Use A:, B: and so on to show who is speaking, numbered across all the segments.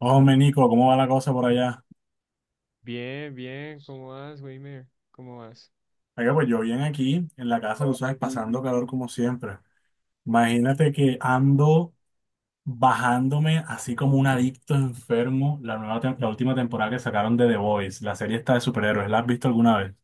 A: Hombre, Nico, ¿cómo va la cosa por allá?
B: Bien, bien, ¿cómo vas, Weimer? ¿Cómo vas?
A: Oiga, pues yo bien aquí en la casa, tú sabes, pasando calor como siempre. Imagínate que ando bajándome así como un adicto enfermo la última temporada que sacaron de The Boys, la serie esta de superhéroes. ¿La has visto alguna vez? O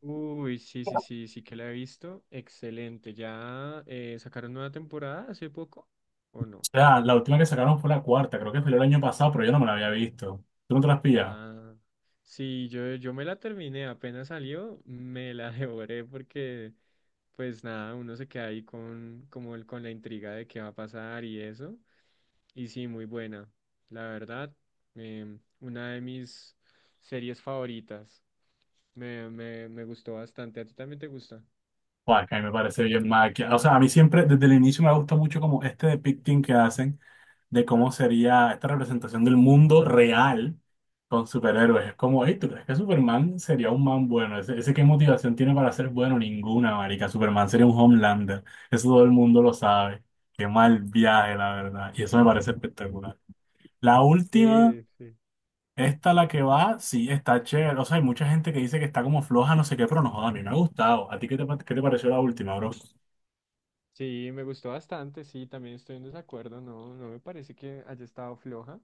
B: Uy, sí, sí, sí, sí que la he visto. Excelente. ¿Ya sacaron nueva temporada hace poco o no?
A: sea, la última que sacaron fue la cuarta, creo que fue el año pasado, pero yo no me la había visto. ¿Tú no te la has pillado?
B: Ah, sí, yo me la terminé, apenas salió, me la devoré porque, pues nada, uno se queda ahí con, como el, con la intriga de qué va a pasar y eso. Y sí, muy buena, la verdad, una de mis series favoritas. Me gustó bastante. ¿A ti también te gusta?
A: Pues que a mí me parece bien mal. O sea, a mí siempre, desde el inicio me gusta mucho como este depicting que hacen de cómo sería esta representación del mundo real con superhéroes. Es como, hey, ¿tú crees que Superman sería un man bueno? ¿Ese qué motivación tiene para ser bueno? Ninguna, marica. Superman sería un Homelander. Eso todo el mundo lo sabe. Qué mal viaje, la verdad. Y eso me parece espectacular. La última,
B: Sí, sí.
A: esta la que va, sí, está chévere. O sea, hay mucha gente que dice que está como floja, no sé qué, pero no joda, a mí me ha gustado. ¿A ti qué te, qué te pareció la última, bro?
B: Sí, me gustó bastante, sí, también estoy en desacuerdo, no, no me parece que haya estado floja,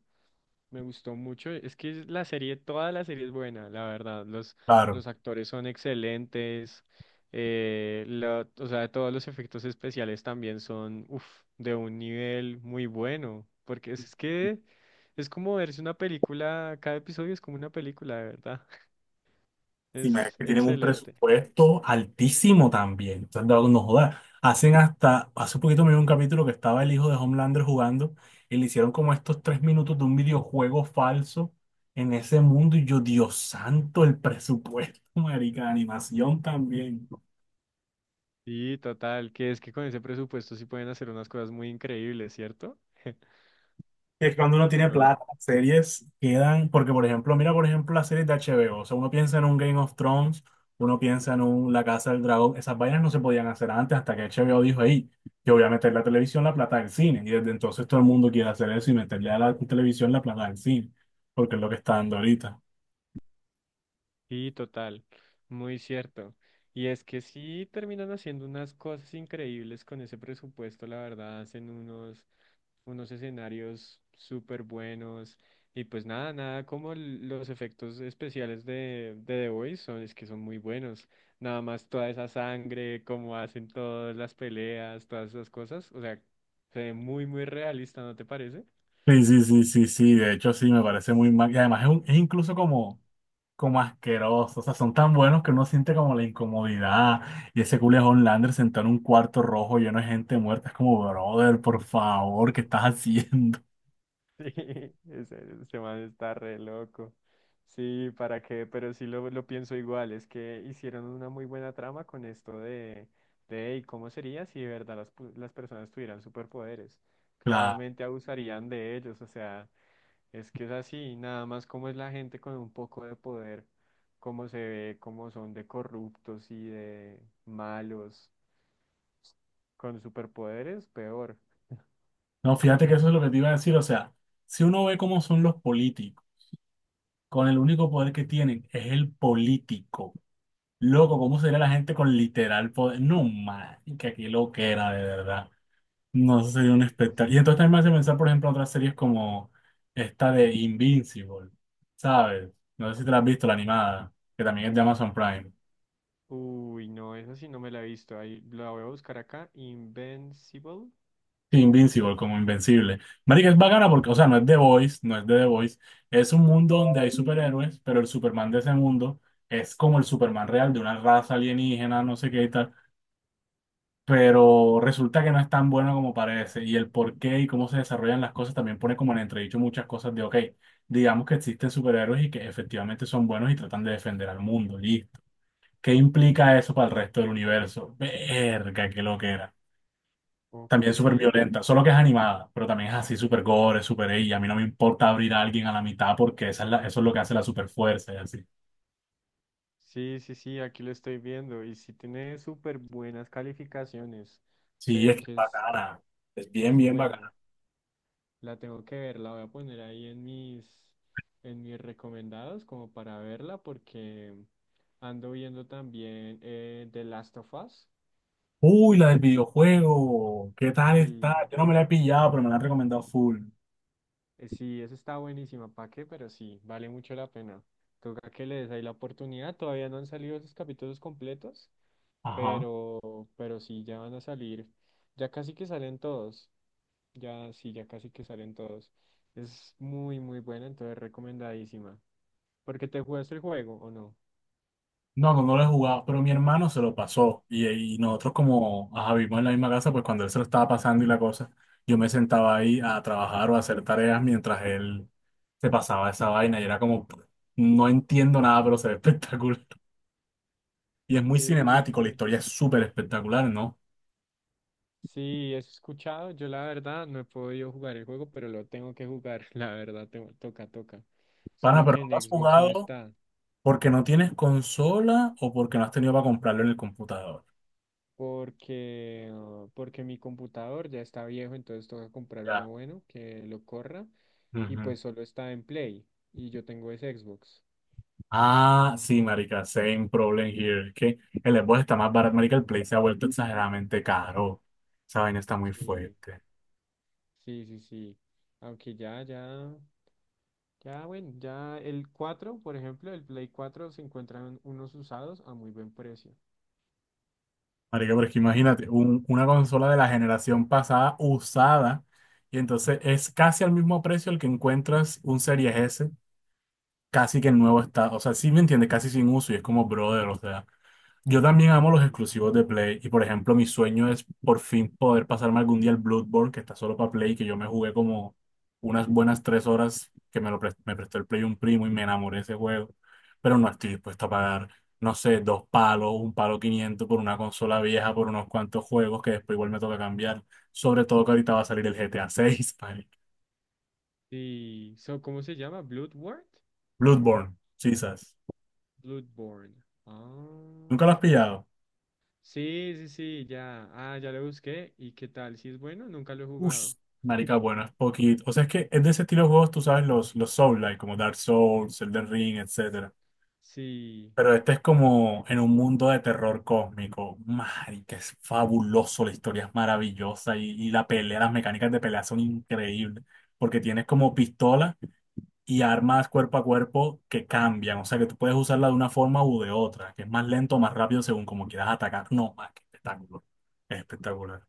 B: me gustó mucho, es que la serie, toda la serie es buena, la verdad,
A: Claro.
B: los actores son excelentes, o sea, todos los efectos especiales también son, uf, de un nivel muy bueno, porque es que es como verse una película, cada episodio es como una película, de verdad,
A: Sí, marica,
B: es
A: que tienen un
B: excelente.
A: presupuesto altísimo también. Entonces, no, no jodas. Hacen hasta, hace poquito me vi un capítulo que estaba el hijo de Homelander jugando y le hicieron como estos 3 minutos de un videojuego falso en ese mundo. Y yo, Dios santo, el presupuesto, marica, de animación también.
B: Sí, total, que es que con ese presupuesto sí pueden hacer unas cosas muy increíbles, ¿cierto?
A: Que cuando uno
B: Y
A: tiene
B: no lo-
A: plata, las series quedan, porque por ejemplo, mira por ejemplo las series de HBO, o sea, uno piensa en un Game of Thrones, uno piensa en un La Casa del Dragón, esas vainas no se podían hacer antes hasta que HBO dijo, hey, yo voy a meter la televisión la plata del cine, y desde entonces todo el mundo quiere hacer eso y meterle a la televisión la plata del cine, porque es lo que está dando ahorita.
B: Sí, total, muy cierto. Y es que sí terminan haciendo unas cosas increíbles con ese presupuesto, la verdad, hacen unos, unos escenarios súper buenos. Y pues nada, nada como los efectos especiales de The Voice son, es que son muy buenos. Nada más toda esa sangre, cómo hacen todas las peleas, todas esas cosas. O sea, se ve muy, muy realista, ¿no te parece?
A: Sí, sí, sí, sí, sí, de hecho sí, me parece muy mal, y además es, es incluso como como asquerosos, o sea, son tan buenos que uno siente como la incomodidad. Y ese Julian Lander sentado en un cuarto rojo lleno de gente muerta, es como, brother, por favor, ¿qué estás haciendo?
B: Sí, ese man está re loco. Sí, ¿para qué? Pero sí lo pienso igual, es que hicieron una muy buena trama con esto de "Ey, ¿cómo sería si de verdad las, las personas tuvieran superpoderes?
A: Claro.
B: Claramente abusarían de ellos, o sea, es que es así, nada más como es la gente con un poco de poder, cómo se ve, cómo son de corruptos y de malos, con superpoderes, peor.
A: No, fíjate que eso es lo que te iba a decir, o sea, si uno ve cómo son los políticos, con el único poder que tienen es el político. Loco, ¿cómo sería la gente con literal poder? No, man, que aquí lo que era, de verdad. No, eso sería un
B: Sí.
A: espectáculo. Y entonces también me hace pensar, por ejemplo, en otras series como esta de Invincible, ¿sabes? No sé si te la has visto, la animada, que también es de Amazon Prime.
B: Uy, no, esa sí no me la he visto. Ahí la voy a buscar acá. Invincible.
A: Sí, Invincible, como Invencible. Marica, es bacana porque, o sea, no es The Voice, no es de The Voice. Es un mundo donde hay superhéroes, pero el Superman de ese mundo es como el Superman real de una raza alienígena, no sé qué y tal. Pero resulta que no es tan bueno como parece. Y el por qué y cómo se desarrollan las cosas también pone como en entredicho muchas cosas de, ok, digamos que existen superhéroes y que efectivamente son buenos y tratan de defender al mundo, listo. ¿Qué implica eso para el resto del universo? Verga, qué loquera.
B: Ok.
A: También súper violenta, solo que es animada, pero también es así súper gore, súper ella. Y a mí no me importa abrir a alguien a la mitad porque eso es lo que hace la superfuerza y así.
B: Sí, sí, sí, aquí lo estoy viendo. Y sí tiene súper buenas calificaciones. Se
A: Sí, es
B: ve
A: que es bacana. Es
B: que
A: bien,
B: es
A: bien
B: buena.
A: bacana.
B: La tengo que ver, la voy a poner ahí en mis recomendados como para verla porque ando viendo también The Last of Us.
A: Uy, la del videojuego. ¿Qué tal
B: Sí.
A: está? Yo no me la he pillado, pero me la han recomendado full.
B: Sí, eso está buenísima, ¿para qué? Pero sí, vale mucho la pena. Toca que le des ahí la oportunidad. Todavía no han salido esos capítulos completos,
A: Ajá.
B: pero sí, ya van a salir. Ya casi que salen todos. Ya, sí, ya casi que salen todos. Es muy, muy buena, entonces recomendadísima. Porque te jugaste el juego, ¿o no?
A: No, no, no lo he jugado, pero mi hermano se lo pasó. Y nosotros como ajá, vivimos en la misma casa, pues cuando él se lo estaba pasando y la cosa, yo me sentaba ahí a trabajar o a hacer tareas mientras él se pasaba esa vaina. Y era como, no entiendo nada, pero se ve espectacular. Y es muy
B: Sí, sí,
A: cinemático, la
B: sí.
A: historia es súper espectacular, ¿no?
B: Sí, eso he escuchado. Yo la verdad no he podido jugar el juego, pero lo tengo que jugar. La verdad, toca, toca.
A: Pana,
B: Solo
A: pero
B: que
A: no
B: en
A: lo has
B: Xbox no
A: jugado
B: está.
A: porque no tienes consola o porque no has tenido para comprarlo en el computador.
B: Porque, ah, porque mi computador ya está viejo, entonces toca comprar uno bueno que lo corra, y
A: Ujú.
B: pues solo está en Play y yo tengo es Xbox.
A: Ah, sí, marica, same problem here. Es que el Xbox está más barato, marica, el Play se ha vuelto exageradamente caro. Esa vaina está muy
B: Sí,
A: fuerte.
B: sí, sí, sí. Aunque ya, ya, ya, bueno, ya el 4 por ejemplo, el Play 4 se encuentran unos usados a muy buen precio.
A: Marica, pero es que imagínate, una consola de la generación pasada usada, y entonces es casi al mismo precio el que encuentras un Series S, casi que en nuevo estado. O sea, sí me entiendes, casi sin uso, y es como brother, o sea. Yo también amo los
B: Sí,
A: exclusivos de Play y por ejemplo mi sueño es por fin poder pasarme algún día el Bloodborne que está solo para Play, que yo me jugué como unas buenas 3 horas que me lo pres- me prestó el Play un primo y me enamoré de ese juego, pero no estoy dispuesto a pagar, no sé, dos palos, un palo 500 por una consola vieja, por unos cuantos juegos que después igual me toca cambiar, sobre todo que ahorita va a salir el GTA 6.
B: sí, so, ¿cómo se llama? ¿Bloodborne?
A: Bloodborne, Jesus,
B: Bloodborne. Ah,
A: ¿nunca lo has pillado?
B: sí, sí, sí, ya. Ah, ya lo busqué. ¿Y qué tal? Si es bueno, nunca lo he
A: Ush,
B: jugado.
A: marica, bueno, es poquito. O sea, es que es de ese estilo de juegos, tú sabes, los Souls-like, como Dark Souls, Elden Ring, etcétera.
B: Sí,
A: Pero este es como en un mundo de terror cósmico. Marica, es fabuloso, la historia es maravillosa y la pelea, las mecánicas de pelea son increíbles. Porque tienes como pistola y armas cuerpo a cuerpo que cambian. O sea, que tú puedes usarla de una forma u de otra, que es más lento o más rápido según como quieras atacar. No, más que espectáculo. Es espectacular.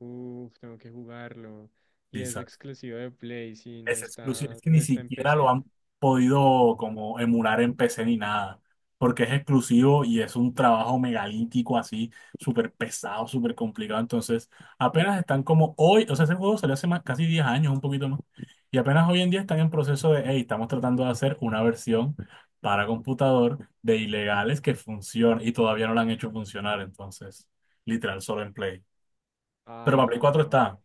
B: uff, tengo que jugarlo. Y
A: Sí,
B: es exclusivo de Play, si no
A: es exclusivo,
B: está,
A: es que ni
B: no está en
A: siquiera lo
B: PC.
A: han podido como emular en PC ni nada, porque es exclusivo y es un trabajo megalítico así, súper pesado, súper complicado, entonces apenas están como hoy, o sea, ese juego salió hace más, casi 10 años, un poquito más, y apenas hoy en día están en proceso de, hey, estamos tratando de hacer una versión para computador de ilegales que funcione, y todavía no la han hecho funcionar, entonces, literal, solo en Play. Pero para
B: Ay,
A: Play 4
B: no.
A: está.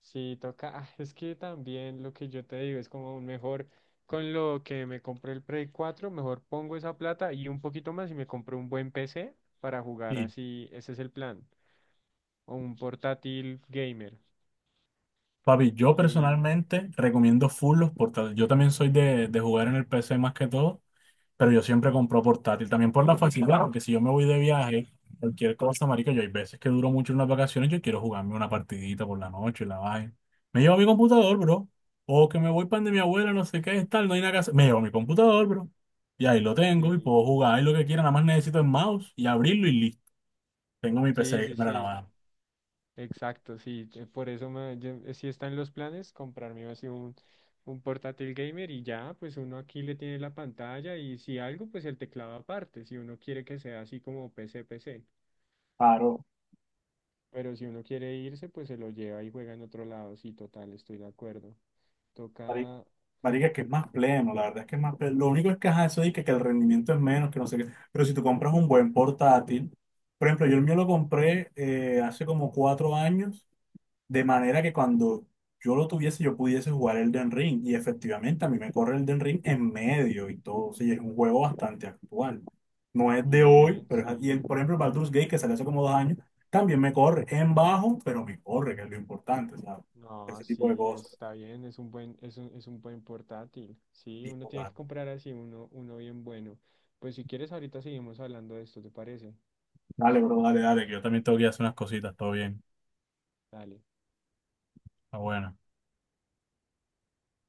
B: Sí, toca. Es que también lo que yo te digo es como un mejor, con lo que me compré el Play 4 mejor pongo esa plata y un poquito más y me compro un buen PC para jugar
A: Sí,
B: así. Ese es el plan. O un portátil gamer.
A: papi, yo
B: Y
A: personalmente recomiendo full los portátiles. Yo también soy de jugar en el PC más que todo, pero yo siempre compro portátil. También por la facilidad, porque si yo me voy de viaje, cualquier cosa, marica, yo hay veces que duro mucho en las vacaciones, yo quiero jugarme una partidita por la noche, la vaina. Me llevo mi computador, bro. O que me voy para de mi abuela, no sé qué, tal, no hay nada que hacer. Me llevo mi computador, bro. Y ahí lo tengo y
B: sí,
A: puedo jugar ahí lo que quiera. Nada más necesito el mouse y abrirlo y listo. Tengo mi
B: sí,
A: PC
B: sí,
A: gamer a la
B: sí.
A: mano.
B: Exacto, sí, por eso sí está en los planes comprarme así un portátil gamer y ya, pues uno aquí le tiene la pantalla y si algo, pues el teclado aparte, si uno quiere que sea así como PC, PC,
A: Claro,
B: pero si uno quiere irse, pues se lo lleva y juega en otro lado, sí, total, estoy de acuerdo. Toca
A: marica, que es más pleno, la verdad es que es más pleno. Lo único es que ajá, eso dice que el rendimiento es menos, que no sé qué. Pero si tú compras un buen portátil, por ejemplo, yo el mío lo compré hace como 4 años, de manera que cuando yo lo tuviese, yo pudiese jugar Elden Ring. Y efectivamente, a mí me corre Elden Ring en medio y todo. Sí, es un juego bastante actual. No es de hoy,
B: bien,
A: pero es, y el,
B: sí,
A: por ejemplo, el Baldur's Gate, que salió hace como 2 años, también me corre en bajo, pero me corre, que es lo importante, ¿sabes?
B: no,
A: Ese tipo de
B: sí,
A: cosas.
B: está bien, es un buen portátil, sí, uno tiene que comprar así uno, uno bien bueno. Pues si quieres, ahorita seguimos hablando de esto, ¿te parece?
A: Dale, bro, dale, dale, que yo también tengo que ir a hacer unas cositas, todo bien.
B: Dale.
A: Está bueno.